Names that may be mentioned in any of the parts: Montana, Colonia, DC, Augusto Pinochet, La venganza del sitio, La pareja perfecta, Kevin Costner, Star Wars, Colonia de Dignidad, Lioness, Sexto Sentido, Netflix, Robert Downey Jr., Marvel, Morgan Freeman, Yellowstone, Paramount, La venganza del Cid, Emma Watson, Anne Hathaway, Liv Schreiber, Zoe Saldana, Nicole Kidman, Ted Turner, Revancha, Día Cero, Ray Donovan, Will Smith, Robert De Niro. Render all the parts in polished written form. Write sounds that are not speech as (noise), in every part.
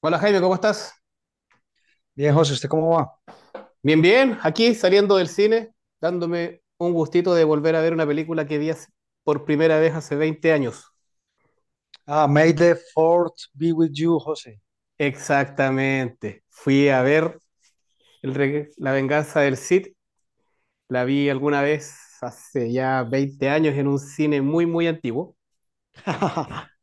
Hola Jaime, ¿cómo estás? Bien, José, ¿usted cómo va? Bien, bien, aquí saliendo del cine, dándome un gustito de volver a ver una película que por primera vez hace 20 años. Ah, May the fourth be with you, José. Exactamente, fui a ver La venganza del Cid, la vi alguna vez hace ya 20 años en un cine muy, muy antiguo. (laughs)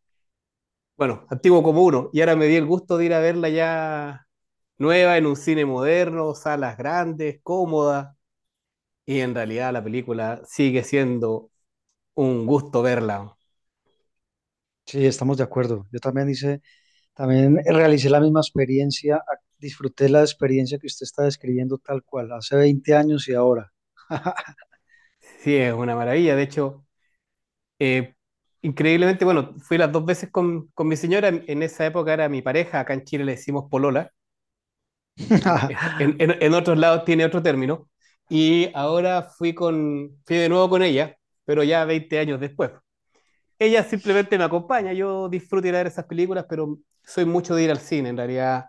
Bueno, antiguo como uno, y ahora me di el gusto de ir a verla ya nueva en un cine moderno, salas grandes, cómoda, y en realidad la película sigue siendo un gusto verla. Sí, estamos de acuerdo. También realicé la misma experiencia, disfruté la experiencia que usted está describiendo tal cual, hace 20 años y ahora. Sí, es una maravilla. De hecho, eh, increíblemente, bueno, fui las dos veces con mi señora. En esa época era mi pareja. Acá en Chile le decimos polola. En, (laughs) en- (laughs) en- en otros lados tiene otro término. Y ahora fui con, fui de nuevo con ella, pero ya 20 años después. Ella simplemente me acompaña. Yo disfruto ir a ver esas películas, pero soy mucho de ir al cine. En realidad,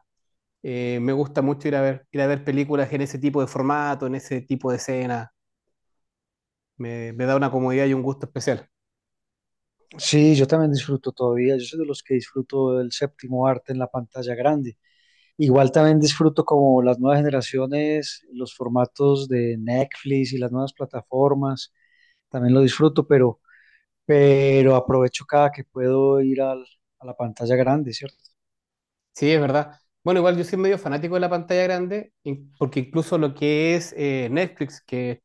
me gusta mucho ir a ver películas en ese tipo de formato, en ese tipo de escena. Me da una comodidad y un gusto especial. Sí, yo también disfruto todavía. Yo soy de los que disfruto del séptimo arte en la pantalla grande. Igual también disfruto como las nuevas generaciones, los formatos de Netflix y las nuevas plataformas. También lo disfruto, pero aprovecho cada que puedo a la pantalla grande, ¿cierto? Sí, es verdad. Bueno, igual yo soy medio fanático de la pantalla grande, porque incluso lo que es Netflix, que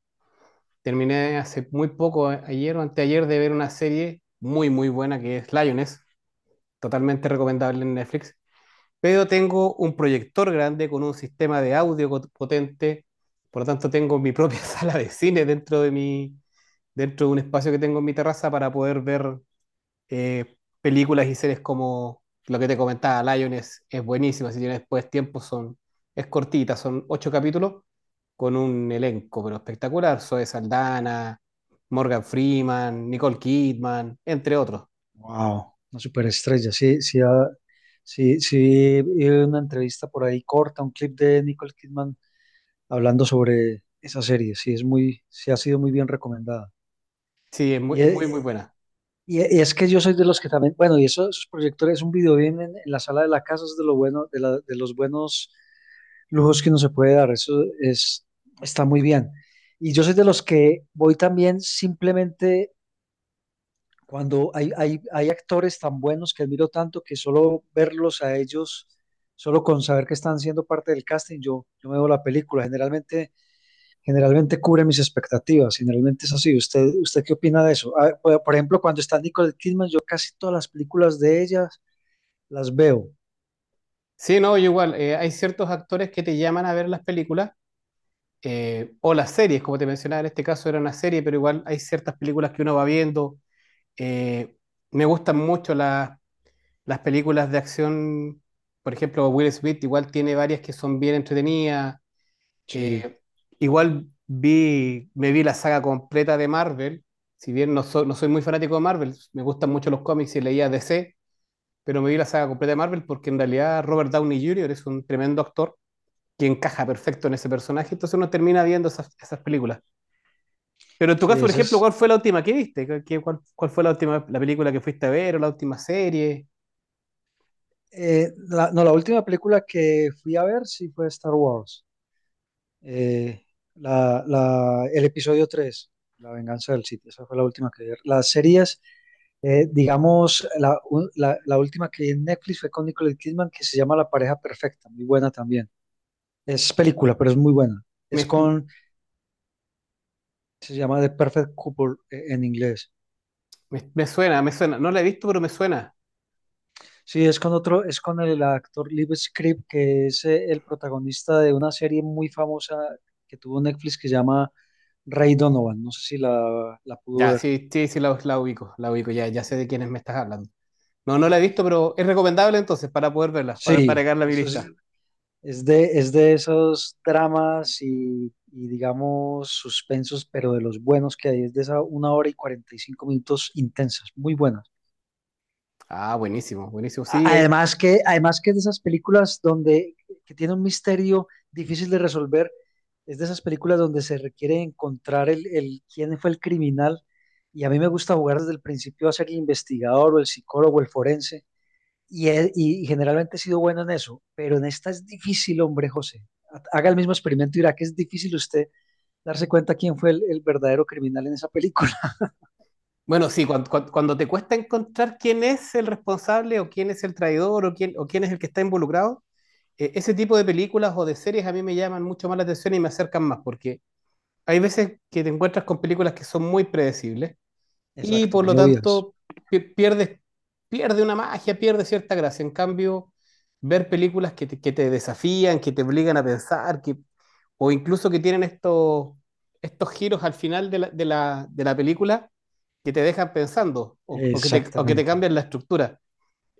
terminé hace muy poco, ayer o anteayer, de ver una serie muy, muy buena que es Lioness, totalmente recomendable en Netflix, pero tengo un proyector grande con un sistema de audio potente, por lo tanto tengo mi propia (laughs) sala de cine dentro de un espacio que tengo en mi terraza para poder ver películas y series como lo que te comentaba, Lion es buenísima, si tienes después tiempo es cortita, son 8 capítulos con un elenco pero espectacular, Zoe Saldana, Morgan Freeman, Nicole Kidman, entre otros. Wow, una superestrella. Sí, sí, ah, sí, sí, vi una entrevista por ahí corta, un clip de Nicole Kidman hablando sobre esa serie. Sí, es muy, sí ha sido muy bien recomendada. Sí, Y, es muy, muy e- buena. Y es que yo soy de los que también, bueno, esos proyectores, un video bien en la sala de la casa es de lo bueno, de los buenos lujos que uno se puede dar. Eso es, está muy bien. Y yo soy de los que voy también simplemente cuando hay actores tan buenos que admiro tanto que solo verlos a ellos, solo con saber que están siendo parte del casting, yo me veo la película. Generalmente cubre mis expectativas, generalmente es así. ¿ usted qué opina de eso? Ah, por ejemplo, cuando está Nicole Kidman, yo casi todas las películas de ellas las veo. Sí, no, yo igual, hay ciertos actores que te llaman a ver las películas o las series, como te mencionaba, en este caso era una serie, pero igual hay ciertas películas que uno va viendo. eh, Me gustan mucho las películas de acción, por ejemplo, Will Smith igual tiene varias que son bien entretenidas. Sí, Eh, Igual vi, me vi la saga completa de Marvel. Si bien no soy muy fanático de Marvel, me gustan mucho los cómics y leía DC, pero me vi la saga completa de Marvel porque en realidad Robert Downey Jr. es un tremendo actor que encaja perfecto en ese personaje, entonces uno termina viendo esas, esas películas. Pero en tu sí, caso, por esa ejemplo, es. ¿cuál fue la última que viste? ¿ Cuál fue la última la película que fuiste a ver o la última serie? No, la última película que fui a ver sí fue Star Wars. Eh, el episodio tres, La venganza del sitio, esa fue la última que vi. Las series, digamos, la última que vi en Netflix fue con Nicole Kidman, que se llama La pareja perfecta, muy buena también. Es película, pero es muy buena. Es Me, con, Se llama The Perfect Couple en inglés. Me, me suena, me suena. No la he visto, pero me suena. Sí, es con el actor Liv Schreiber, que es el protagonista de una serie muy famosa que tuvo Netflix que se llama Ray Donovan. No sé si la pudo Ya, ver. sí, sí, sí, la, la ubico, ya, ya sé de quiénes me estás hablando. No, no la he visto, pero es recomendable entonces para poder verla, para Sí, agregarla a mi eso es, lista. Es de esos dramas y, digamos suspensos, pero de los buenos que hay, es de esa 1 hora y 45 minutos intensas, muy buenas. Ah, buenísimo, buenísimo. Sí, Además que es de esas películas donde que tiene un misterio difícil de resolver, es de esas películas donde se requiere encontrar el quién fue el criminal y a mí me gusta jugar desde el principio a ser el investigador o el psicólogo, el forense y generalmente he sido bueno en eso, pero en esta es difícil, hombre, José. Haga el mismo experimento y verá que es difícil usted darse cuenta quién fue el verdadero criminal en esa película. (laughs) bueno, sí, cuando te cuesta encontrar quién es el responsable o quién es el traidor o quién es el que está involucrado, ese tipo de películas o de series a mí me llaman mucho más la atención y me acercan más, porque hay veces que te encuentras con películas que son muy predecibles y Exacto, por lo muy obvias. tanto pierdes, pierde una magia, pierde cierta gracia. En cambio, ver películas que te desafían, que te obligan a pensar, que, o incluso que tienen estos, estos giros al final de la, de la, de la película que te dejan pensando o que te Exactamente. cambian la estructura.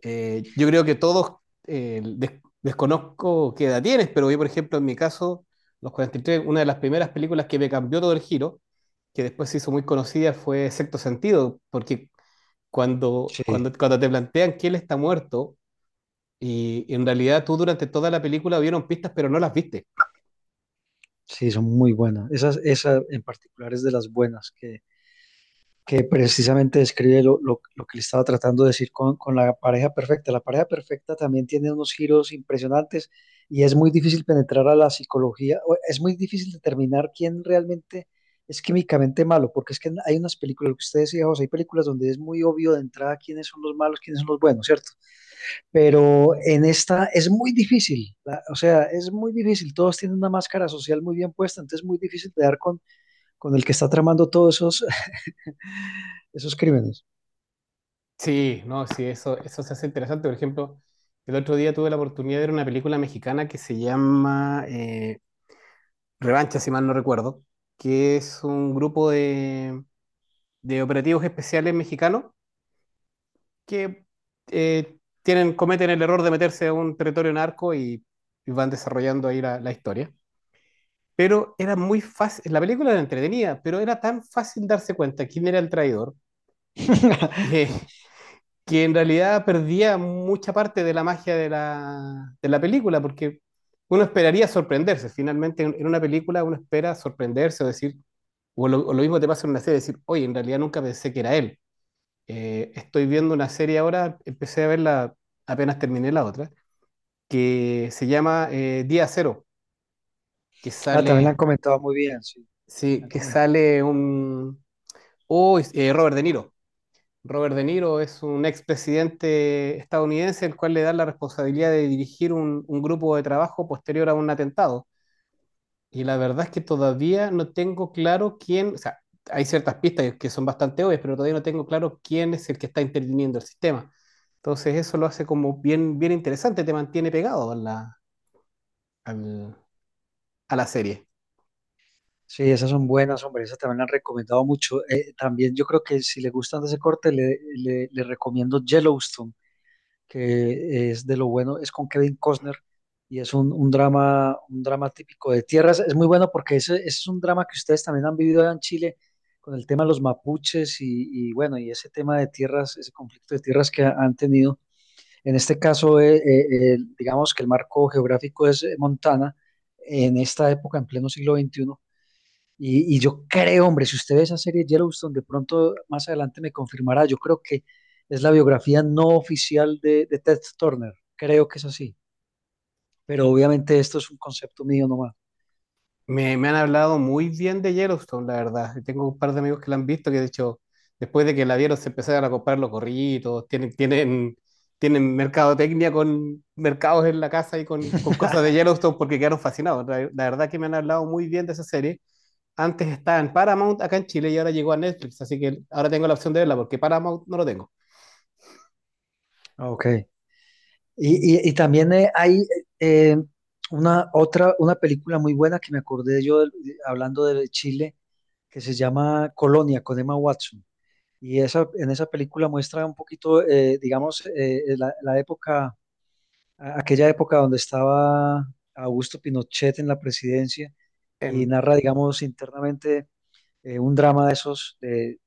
Yo creo que todos, desconozco qué edad tienes, pero yo, por ejemplo, en mi caso, los 43, una de las primeras películas que me cambió todo el giro, que después se hizo muy conocida, fue Sexto Sentido, porque Sí, cuando te plantean que él está muerto, y en realidad tú durante toda la película vieron pistas, pero no las viste. sí, son muy buenas. Esa en particular es de las buenas que precisamente describe lo que le estaba tratando de decir con la pareja perfecta. La pareja perfecta también tiene unos giros impresionantes y es muy difícil penetrar a la psicología, o es muy difícil determinar quién realmente es químicamente malo, porque es que hay unas películas, lo que usted decía, José, hay películas donde es muy obvio de entrada quiénes son los malos, quiénes son los buenos, ¿cierto? Pero en esta es muy difícil, o sea, es muy difícil, todos tienen una máscara social muy bien puesta, entonces es muy difícil de dar con el que está tramando (laughs) esos crímenes. Sí, no, sí, eso se hace interesante. Por ejemplo, el otro día tuve la oportunidad de ver una película mexicana que se llama Revancha, si mal no recuerdo, que es un grupo de operativos especiales mexicanos que tienen, cometen el error de meterse a un territorio narco y van desarrollando ahí la, la historia. Pero era muy fácil, la película era entretenida, pero era tan fácil darse cuenta quién era el traidor que, (laughs) que en realidad perdía mucha parte de la magia de la película, porque uno esperaría sorprenderse. Finalmente, en una película uno espera sorprenderse o decir, o lo, o lo mismo te pasa en una serie, decir, oye, en realidad nunca pensé que era él. Estoy viendo una serie ahora, empecé a verla apenas terminé la otra, que se llama Día Cero, que Ah, también la han sale, comentado muy bien, sí, la sí, han que comentado. sale un... Oh, Robert De Niro. Robert De Niro es un expresidente estadounidense el cual le da la responsabilidad de dirigir un grupo de trabajo posterior a un atentado. Y la verdad es que todavía no tengo claro quién, o sea, hay ciertas pistas que son bastante obvias, pero todavía no tengo claro quién es el que está interviniendo el sistema. Entonces eso lo hace como bien, bien interesante, te mantiene pegado a al- a la serie. Sí, esas son buenas, hombre, esas también la han recomendado mucho. También yo creo que si le gustan de ese corte, le recomiendo Yellowstone, que es de lo bueno, es con Kevin Costner y es un drama típico de tierras. Es muy bueno porque ese es un drama que ustedes también han vivido allá en Chile con el tema de los mapuches y bueno, y ese tema de tierras, ese conflicto de tierras que han tenido. En este caso, digamos que el marco geográfico es Montana en esta época, en pleno siglo XXI. Y yo creo, hombre, si usted ve esa serie Yellowstone, de pronto más adelante me confirmará, yo creo que es la biografía no oficial de Ted Turner, creo que es así, pero obviamente esto es un concepto mío nomás. Me han hablado muy bien de Yellowstone, la verdad. Y tengo un par de amigos que la han visto que, de hecho, después de que la vieron, se empezaron a comprar los gorritos. Tienen, tienen, tienen mercadotecnia con mercados en la casa y con cosas de (laughs) Yellowstone porque quedaron fascinados. La verdad que me han hablado muy bien de esa serie. Antes estaba en Paramount acá en Chile y ahora llegó a Netflix, así que ahora tengo la opción de verla porque Paramount no lo tengo. Ok. Y también hay eh, una otra, una película muy buena que me acordé yo hablando de Chile, que se llama Colonia, con Emma Watson. Y esa, en esa película muestra un poquito, digamos, la época, aquella época donde estaba Augusto Pinochet en la presidencia y Em, narra, digamos, internamente un drama de esos,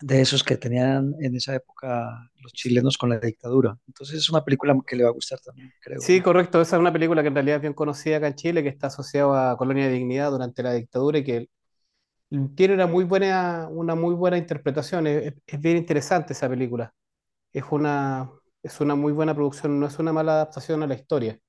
de esos que tenían en esa época los chilenos con la dictadura. Entonces es una película que le va a gustar también, creo sí, yo. correcto, esa es una película que en realidad es bien conocida acá en Chile, que está asociada a Colonia de Dignidad durante la dictadura y que tiene una muy buena interpretación, es bien interesante esa película. Es una, es una muy buena producción, no es una mala adaptación a la historia.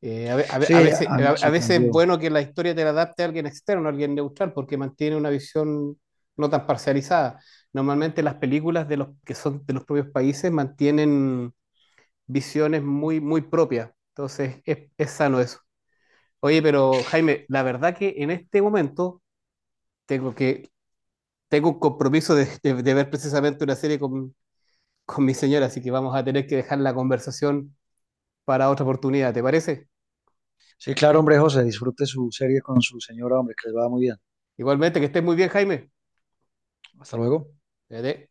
A Sí, veces, a mí me a veces es sorprendió. bueno que la historia te la adapte a alguien externo, a alguien neutral, porque mantiene una visión no tan parcializada. Normalmente las películas de los que son de los propios países mantienen visiones muy, muy propias. Entonces es sano eso. Oye, pero Jaime, la verdad que en este momento tengo que tengo un compromiso de ver precisamente una serie con mi señora, así que vamos a tener que dejar la conversación para otra oportunidad, ¿te parece? Sí, claro, hombre, José, disfrute su serie con su señora, hombre, que les va muy bien. Igualmente, que estés muy bien, Jaime. Hasta luego. Cuídate.